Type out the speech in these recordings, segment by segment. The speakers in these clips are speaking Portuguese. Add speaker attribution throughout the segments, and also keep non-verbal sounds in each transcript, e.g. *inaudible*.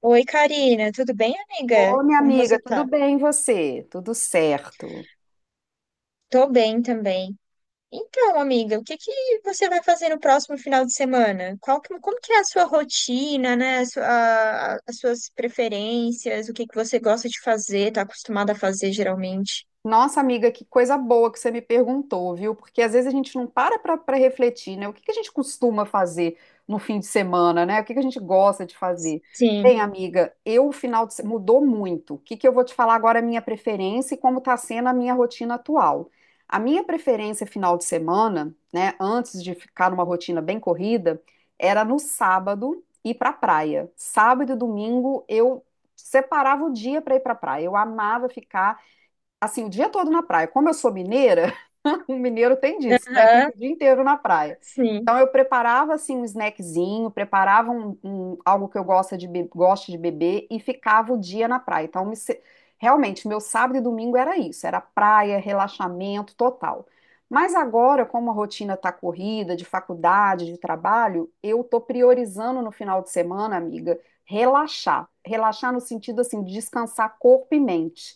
Speaker 1: Oi, Karina, tudo bem, amiga?
Speaker 2: Ô, minha
Speaker 1: Como
Speaker 2: amiga,
Speaker 1: você
Speaker 2: tudo
Speaker 1: tá?
Speaker 2: bem e você? Tudo certo.
Speaker 1: Tô bem também. Então, amiga, o que que você vai fazer no próximo final de semana? Como que é a sua rotina, né? A sua- a- as suas preferências, o que que você gosta de fazer, tá acostumada a fazer geralmente?
Speaker 2: Nossa, amiga, que coisa boa que você me perguntou, viu? Porque às vezes a gente não para para refletir, né? O que que a gente costuma fazer no fim de semana, né? O que que a gente gosta de fazer? Bem,
Speaker 1: Sim.
Speaker 2: amiga, eu o final de se- mudou muito. O que que eu vou te falar agora é a minha preferência e como está sendo a minha rotina atual. A minha preferência final de semana, né, antes de ficar numa rotina bem corrida, era no sábado ir para praia. Sábado e domingo eu separava o dia para ir para praia. Eu amava ficar assim, o dia todo na praia. Como eu sou mineira, *laughs* o mineiro tem disso, né?
Speaker 1: Aham,
Speaker 2: Fica o dia inteiro na praia.
Speaker 1: sim.
Speaker 2: Então eu preparava assim um snackzinho, preparava algo que eu gosto de beber e ficava o dia na praia. Então me se- Realmente meu sábado e domingo era isso, era praia, relaxamento total. Mas agora, como a rotina está corrida, de faculdade, de trabalho, eu tô priorizando no final de semana, amiga, relaxar. Relaxar no sentido assim de descansar corpo e mente.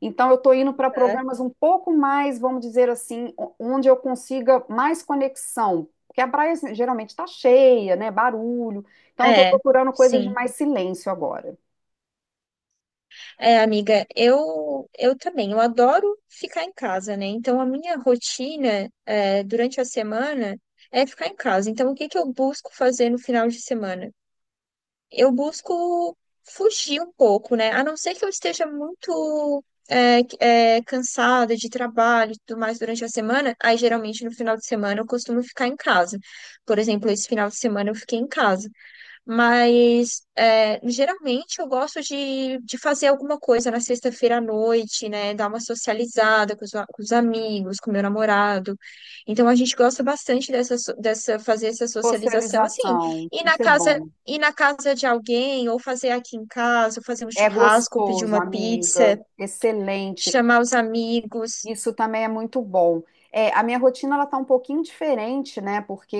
Speaker 2: Então, eu estou indo para
Speaker 1: Aham.
Speaker 2: programas um pouco mais, vamos dizer assim, o- onde eu consiga mais conexão. Porque a praia assim, geralmente está cheia, né? Barulho. Então, eu estou
Speaker 1: É,
Speaker 2: procurando coisas de
Speaker 1: sim.
Speaker 2: mais silêncio agora.
Speaker 1: É, amiga, eu também, eu adoro ficar em casa, né? Então a minha rotina é, durante a semana é ficar em casa. Então o que que eu busco fazer no final de semana? Eu busco fugir um pouco, né? A não ser que eu esteja muito cansada de trabalho e tudo mais durante a semana, aí geralmente no final de semana eu costumo ficar em casa. Por exemplo, esse final de semana eu fiquei em casa. Mas é, geralmente eu gosto de fazer alguma coisa na sexta-feira à noite, né? Dar uma socializada com os amigos, com meu namorado. Então a gente gosta bastante dessa fazer essa socialização assim,
Speaker 2: Socialização, isso é bom.
Speaker 1: ir na casa de alguém, ou fazer aqui em casa, ou fazer um
Speaker 2: É
Speaker 1: churrasco, ou pedir
Speaker 2: gostoso,
Speaker 1: uma pizza,
Speaker 2: amiga. Excelente.
Speaker 1: chamar os amigos.
Speaker 2: Isso também é muito bom. É, a minha rotina ela tá um pouquinho diferente, né? Porque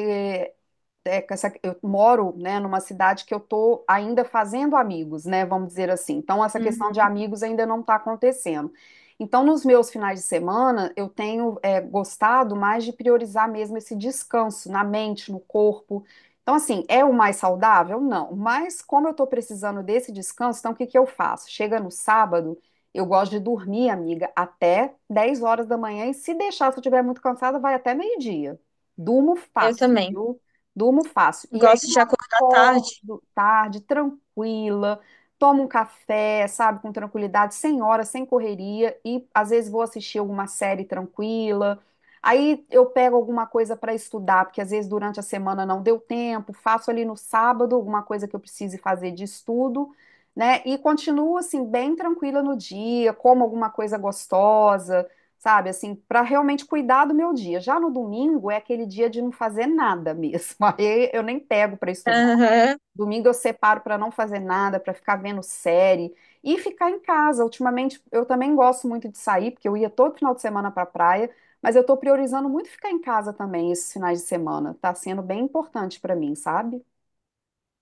Speaker 2: é, com eu moro, né, numa cidade que eu tô ainda fazendo amigos, né? Vamos dizer assim. Então essa questão
Speaker 1: Uhum,
Speaker 2: de amigos ainda não está acontecendo. Então nos meus finais de semana eu tenho é, gostado mais de priorizar mesmo esse descanso na mente, no corpo. Então assim é o mais saudável? Não. Mas como eu estou precisando desse descanso, então o que que eu faço? Chega no sábado eu gosto de dormir, amiga, até 10 horas da manhã e se deixar, se eu estiver muito cansada, vai até meio-dia. Durmo
Speaker 1: eu
Speaker 2: fácil,
Speaker 1: também.
Speaker 2: viu? Durmo fácil. E aí
Speaker 1: Gosto
Speaker 2: eu
Speaker 1: de acordar tarde.
Speaker 2: acordo tarde, tranquila, tomo um café, sabe, com tranquilidade, sem hora, sem correria e às vezes vou assistir alguma série tranquila. Aí eu pego alguma coisa para estudar, porque às vezes durante a semana não deu tempo, faço ali no sábado alguma coisa que eu precise fazer de estudo, né? E continuo assim bem tranquila no dia, como alguma coisa gostosa, sabe? Assim, para realmente cuidar do meu dia. Já no domingo é aquele dia de não fazer nada mesmo. *laughs* Aí eu nem pego para
Speaker 1: *laughs*
Speaker 2: estudar.
Speaker 1: Aham.
Speaker 2: Domingo eu separo para não fazer nada, para ficar vendo série e ficar em casa. Ultimamente eu também gosto muito de sair, porque eu ia todo final de semana para praia, mas eu tô priorizando muito ficar em casa também esses finais de semana. Tá sendo bem importante para mim, sabe?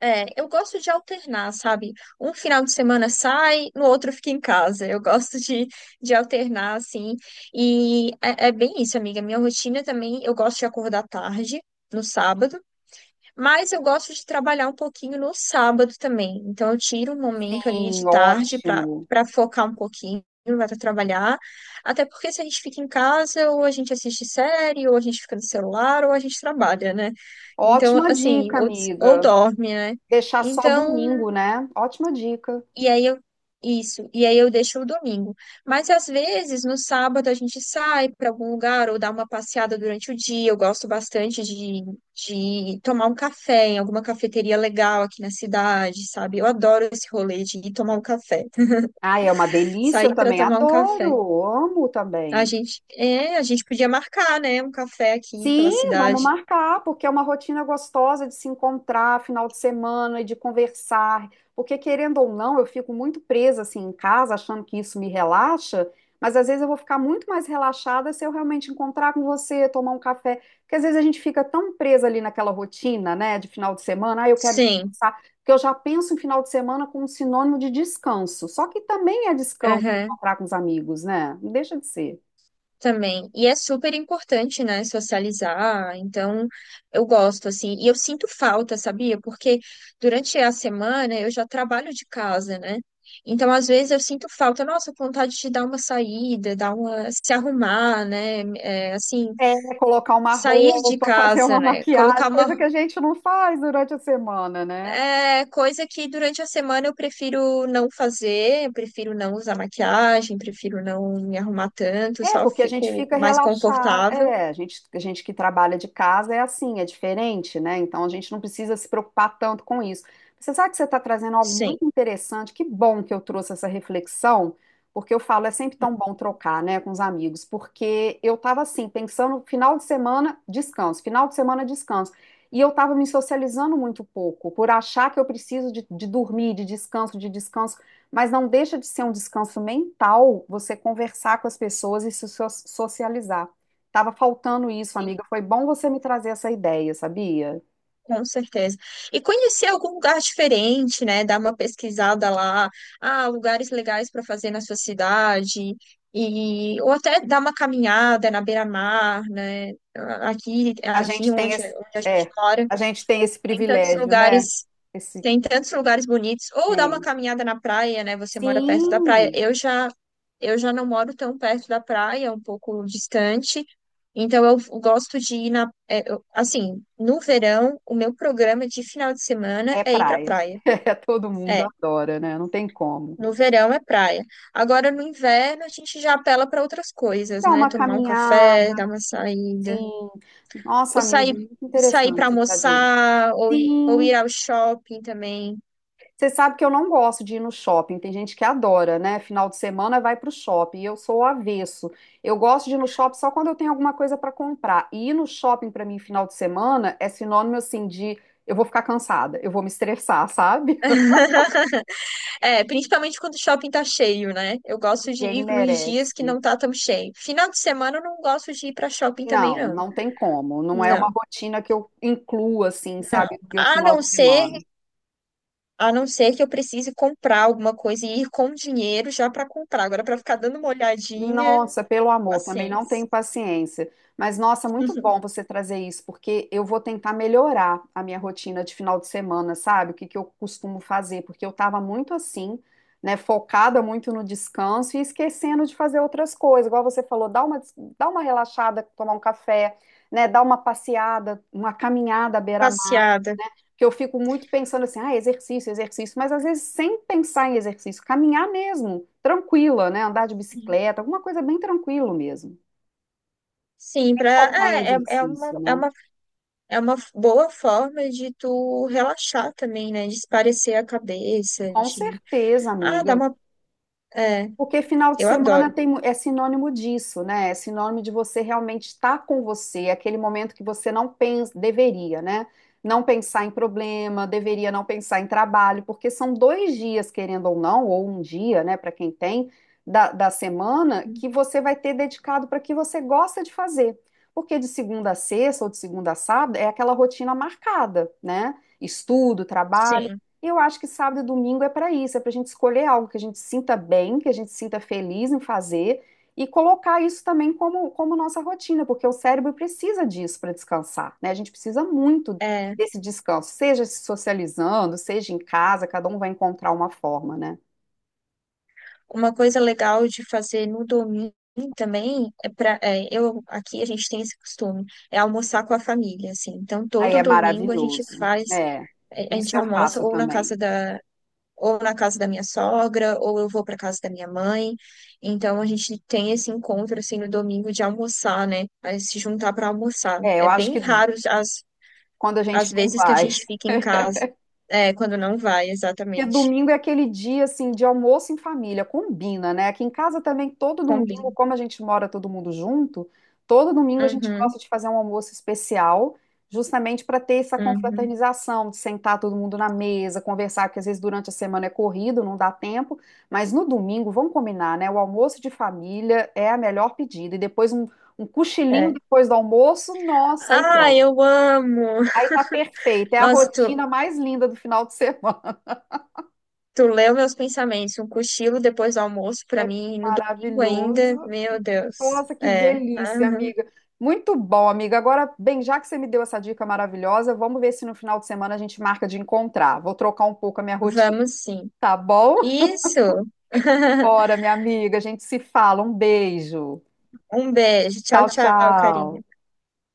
Speaker 1: É, eu gosto de alternar, sabe? Um final de semana sai, no outro fica em casa. Eu gosto de alternar, assim. E é bem isso, amiga. Minha rotina também, eu gosto de acordar tarde, no sábado. Mas eu gosto de trabalhar um pouquinho no sábado também. Então eu tiro um momento ali de
Speaker 2: Sim,
Speaker 1: tarde para
Speaker 2: ótimo.
Speaker 1: para focar um pouquinho, vai para trabalhar. Até porque se a gente fica em casa, ou a gente assiste série, ou a gente fica no celular, ou a gente trabalha, né? Então,
Speaker 2: Ótima
Speaker 1: assim,
Speaker 2: dica,
Speaker 1: ou
Speaker 2: amiga.
Speaker 1: dorme, né?
Speaker 2: Deixar só
Speaker 1: Então,
Speaker 2: domingo, né? Ótima dica.
Speaker 1: e aí eu isso, e aí eu deixo o domingo. Mas às vezes no sábado a gente sai para algum lugar ou dá uma passeada durante o dia. Eu gosto bastante de tomar um café em alguma cafeteria legal aqui na cidade, sabe? Eu adoro esse rolê de ir tomar um café,
Speaker 2: Ah, é uma
Speaker 1: *laughs*
Speaker 2: delícia, eu
Speaker 1: sair para
Speaker 2: também
Speaker 1: tomar um
Speaker 2: adoro,
Speaker 1: café.
Speaker 2: amo
Speaker 1: A
Speaker 2: também.
Speaker 1: gente, é, a gente podia marcar, né, um café aqui pela
Speaker 2: Sim, vamos
Speaker 1: cidade.
Speaker 2: marcar, porque é uma rotina gostosa de se encontrar final de semana e de conversar. Porque, querendo ou não, eu fico muito presa assim em casa, achando que isso me relaxa, mas às vezes eu vou ficar muito mais relaxada se eu realmente encontrar com você, tomar um café. Porque às vezes a gente fica tão presa ali naquela rotina, né, de final de semana, ah, eu quero
Speaker 1: Sim.
Speaker 2: descansar, porque eu já penso em final de semana como um sinônimo de descanso. Só que também é descanso
Speaker 1: Aham.
Speaker 2: encontrar com os amigos, né? Não deixa de ser.
Speaker 1: Também. E é super importante, né, socializar. Então, eu gosto, assim. E eu sinto falta, sabia? Porque durante a semana eu já trabalho de casa, né? Então, às vezes eu sinto falta, nossa, vontade de dar uma saída, se arrumar, né? É, assim,
Speaker 2: É, colocar uma
Speaker 1: sair de
Speaker 2: roupa, fazer
Speaker 1: casa,
Speaker 2: uma
Speaker 1: né?
Speaker 2: maquiagem,
Speaker 1: Colocar
Speaker 2: coisa
Speaker 1: uma,
Speaker 2: que a gente não faz durante a semana, né?
Speaker 1: é, coisa que durante a semana eu prefiro não fazer, eu prefiro não usar maquiagem, prefiro não me arrumar tanto,
Speaker 2: É,
Speaker 1: só
Speaker 2: porque a gente
Speaker 1: fico
Speaker 2: fica
Speaker 1: mais
Speaker 2: relaxado.
Speaker 1: confortável.
Speaker 2: É, a gente que trabalha de casa é assim, é diferente, né? Então a gente não precisa se preocupar tanto com isso. Você sabe que você está trazendo algo
Speaker 1: Sim.
Speaker 2: muito interessante. Que bom que eu trouxe essa reflexão, porque eu falo, é sempre tão bom trocar, né, com os amigos, porque eu estava assim, pensando, final de semana, descanso, final de semana, descanso. E eu estava me socializando muito pouco, por achar que eu preciso de dormir, de descanso, de descanso. Mas não deixa de ser um descanso mental você conversar com as pessoas e se socializar. Tava faltando isso, amiga. Foi bom você me trazer essa ideia, sabia?
Speaker 1: Com certeza. E conhecer algum lugar diferente, né? Dar uma pesquisada lá, ah, lugares legais para fazer na sua cidade, e ou até dar uma caminhada na beira-mar, né? Aqui,
Speaker 2: A
Speaker 1: aqui
Speaker 2: gente tem
Speaker 1: onde,
Speaker 2: esse,
Speaker 1: onde a gente
Speaker 2: é,
Speaker 1: mora,
Speaker 2: a gente tem esse
Speaker 1: tem tantos
Speaker 2: privilégio, né?
Speaker 1: lugares
Speaker 2: Esse
Speaker 1: tem tantos lugares bonitos. Ou dar uma
Speaker 2: tem.
Speaker 1: caminhada na praia, né? Você mora perto da praia.
Speaker 2: Sim,
Speaker 1: Eu já não moro tão perto da praia, um pouco distante. Então eu gosto de ir na, é, eu- assim, no verão, o meu programa de final de semana
Speaker 2: é
Speaker 1: é ir pra
Speaker 2: praia.
Speaker 1: praia.
Speaker 2: *laughs* É, todo mundo
Speaker 1: É,
Speaker 2: adora, né? Não tem como.
Speaker 1: no verão é praia. Agora no inverno a gente já apela para outras coisas,
Speaker 2: Dar
Speaker 1: né?
Speaker 2: uma
Speaker 1: Tomar um
Speaker 2: caminhada,
Speaker 1: café, dar uma saída,
Speaker 2: sim. Nossa,
Speaker 1: ou
Speaker 2: amiga,
Speaker 1: sair,
Speaker 2: muito
Speaker 1: sair para
Speaker 2: interessante você fazer.
Speaker 1: almoçar, ou ir
Speaker 2: Sim.
Speaker 1: ao shopping também.
Speaker 2: Você sabe que eu não gosto de ir no shopping. Tem gente que adora, né? Final de semana vai pro shopping. E eu sou o avesso. Eu gosto de ir no shopping só quando eu tenho alguma coisa para comprar. E ir no shopping para mim final de semana é sinônimo assim de eu vou ficar cansada, eu vou me estressar, sabe?
Speaker 1: *laughs* É, principalmente quando o shopping tá cheio, né? Eu gosto
Speaker 2: *laughs*
Speaker 1: de
Speaker 2: Ninguém
Speaker 1: ir nos dias que não
Speaker 2: merece.
Speaker 1: tá tão cheio. Final de semana eu não gosto de ir pra shopping também,
Speaker 2: Não,
Speaker 1: não.
Speaker 2: não tem como. Não é uma
Speaker 1: Não.
Speaker 2: rotina que eu incluo assim, sabe, no meu
Speaker 1: A
Speaker 2: final
Speaker 1: não
Speaker 2: de
Speaker 1: ser,
Speaker 2: semana.
Speaker 1: a não ser que eu precise comprar alguma coisa e ir com dinheiro já pra comprar. Agora pra ficar dando uma olhadinha,
Speaker 2: Nossa, pelo amor, também não
Speaker 1: paciência.
Speaker 2: tenho paciência. Mas, nossa, muito bom você trazer isso, porque eu vou tentar melhorar a minha rotina de final de semana, sabe? O que que eu costumo fazer, porque eu estava muito assim, né, focada muito no descanso e esquecendo de fazer outras coisas. Igual você falou, dá uma relaxada, tomar um café, né, dar uma passeada, uma caminhada à beira-mar
Speaker 1: Passeada.
Speaker 2: que eu fico muito pensando assim, ah, exercício, exercício, mas às vezes sem pensar em exercício, caminhar mesmo, tranquila, né? Andar de bicicleta, alguma coisa bem tranquilo mesmo.
Speaker 1: Sim, pra,
Speaker 2: Focar em
Speaker 1: é, é, é uma,
Speaker 2: exercício,
Speaker 1: é
Speaker 2: né?
Speaker 1: uma, é uma boa forma de tu relaxar também, né? De espairecer a cabeça,
Speaker 2: Com
Speaker 1: de.
Speaker 2: certeza,
Speaker 1: Ah, dá
Speaker 2: amiga.
Speaker 1: uma. É,
Speaker 2: Porque final de
Speaker 1: eu
Speaker 2: semana
Speaker 1: adoro.
Speaker 2: tem, é sinônimo disso, né? É sinônimo de você realmente estar com você, é aquele momento que você não pensa, deveria, né? Não pensar em problema, deveria não pensar em trabalho, porque são 2 dias, querendo ou não, ou um dia, né, para quem tem, da semana, que você vai ter dedicado para o que você gosta de fazer. Porque de segunda a sexta ou de segunda a sábado é aquela rotina marcada, né? Estudo, trabalho.
Speaker 1: Sim.
Speaker 2: E eu acho que sábado e domingo é para isso, é para a gente escolher algo que a gente sinta bem, que a gente sinta feliz em fazer e colocar isso também como, como nossa rotina, porque o cérebro precisa disso para descansar, né? A gente precisa muito
Speaker 1: É.
Speaker 2: desse descanso, seja se socializando, seja em casa, cada um vai encontrar uma forma, né?
Speaker 1: Uma coisa legal de fazer no domingo também é para eu aqui a gente tem esse costume, é almoçar com a família, assim. Então
Speaker 2: Aí
Speaker 1: todo
Speaker 2: é
Speaker 1: domingo a gente
Speaker 2: maravilhoso.
Speaker 1: faz,
Speaker 2: É,
Speaker 1: a
Speaker 2: isso
Speaker 1: gente
Speaker 2: eu
Speaker 1: almoça
Speaker 2: faço
Speaker 1: ou na
Speaker 2: também.
Speaker 1: casa da ou na casa da minha sogra, ou eu vou para casa da minha mãe. Então a gente tem esse encontro assim no domingo de almoçar, né? Aí se juntar para almoçar.
Speaker 2: É, eu
Speaker 1: É
Speaker 2: acho que
Speaker 1: bem raro as
Speaker 2: quando a
Speaker 1: as
Speaker 2: gente não
Speaker 1: vezes que a
Speaker 2: vai.
Speaker 1: gente fica em casa, quando não vai,
Speaker 2: Porque
Speaker 1: exatamente.
Speaker 2: domingo é aquele dia assim de almoço em família, combina, né? Aqui em casa também, todo
Speaker 1: Combina.
Speaker 2: domingo, como a gente mora todo mundo junto, todo domingo a gente
Speaker 1: Uhum,
Speaker 2: gosta de fazer um almoço especial, justamente para ter essa
Speaker 1: uhum.
Speaker 2: confraternização, de sentar todo mundo na mesa, conversar, que às vezes durante a semana é corrido, não dá tempo, mas no domingo, vamos combinar, né? O almoço de família é a melhor pedida, e depois um, um cochilinho
Speaker 1: É.
Speaker 2: depois do almoço, nossa, aí
Speaker 1: Ah,
Speaker 2: pronto.
Speaker 1: eu amo!
Speaker 2: Aí tá perfeito, é a
Speaker 1: Nossa, tu,
Speaker 2: rotina mais linda do final de semana.
Speaker 1: tu leu meus pensamentos. Um cochilo depois do almoço pra
Speaker 2: *laughs*
Speaker 1: mim, no domingo ainda.
Speaker 2: Maravilhoso.
Speaker 1: Meu Deus.
Speaker 2: Nossa, que
Speaker 1: É.
Speaker 2: delícia,
Speaker 1: Aham.
Speaker 2: amiga. Muito bom, amiga. Agora, bem, já que você me deu essa dica maravilhosa, vamos ver se no final de semana a gente marca de encontrar. Vou trocar um pouco a minha rotina,
Speaker 1: Vamos sim.
Speaker 2: tá bom?
Speaker 1: Isso!
Speaker 2: Bora,
Speaker 1: *laughs*
Speaker 2: minha amiga, a gente se fala. Um beijo.
Speaker 1: Um beijo. Tchau,
Speaker 2: Tchau,
Speaker 1: tchau, Karina.
Speaker 2: tchau.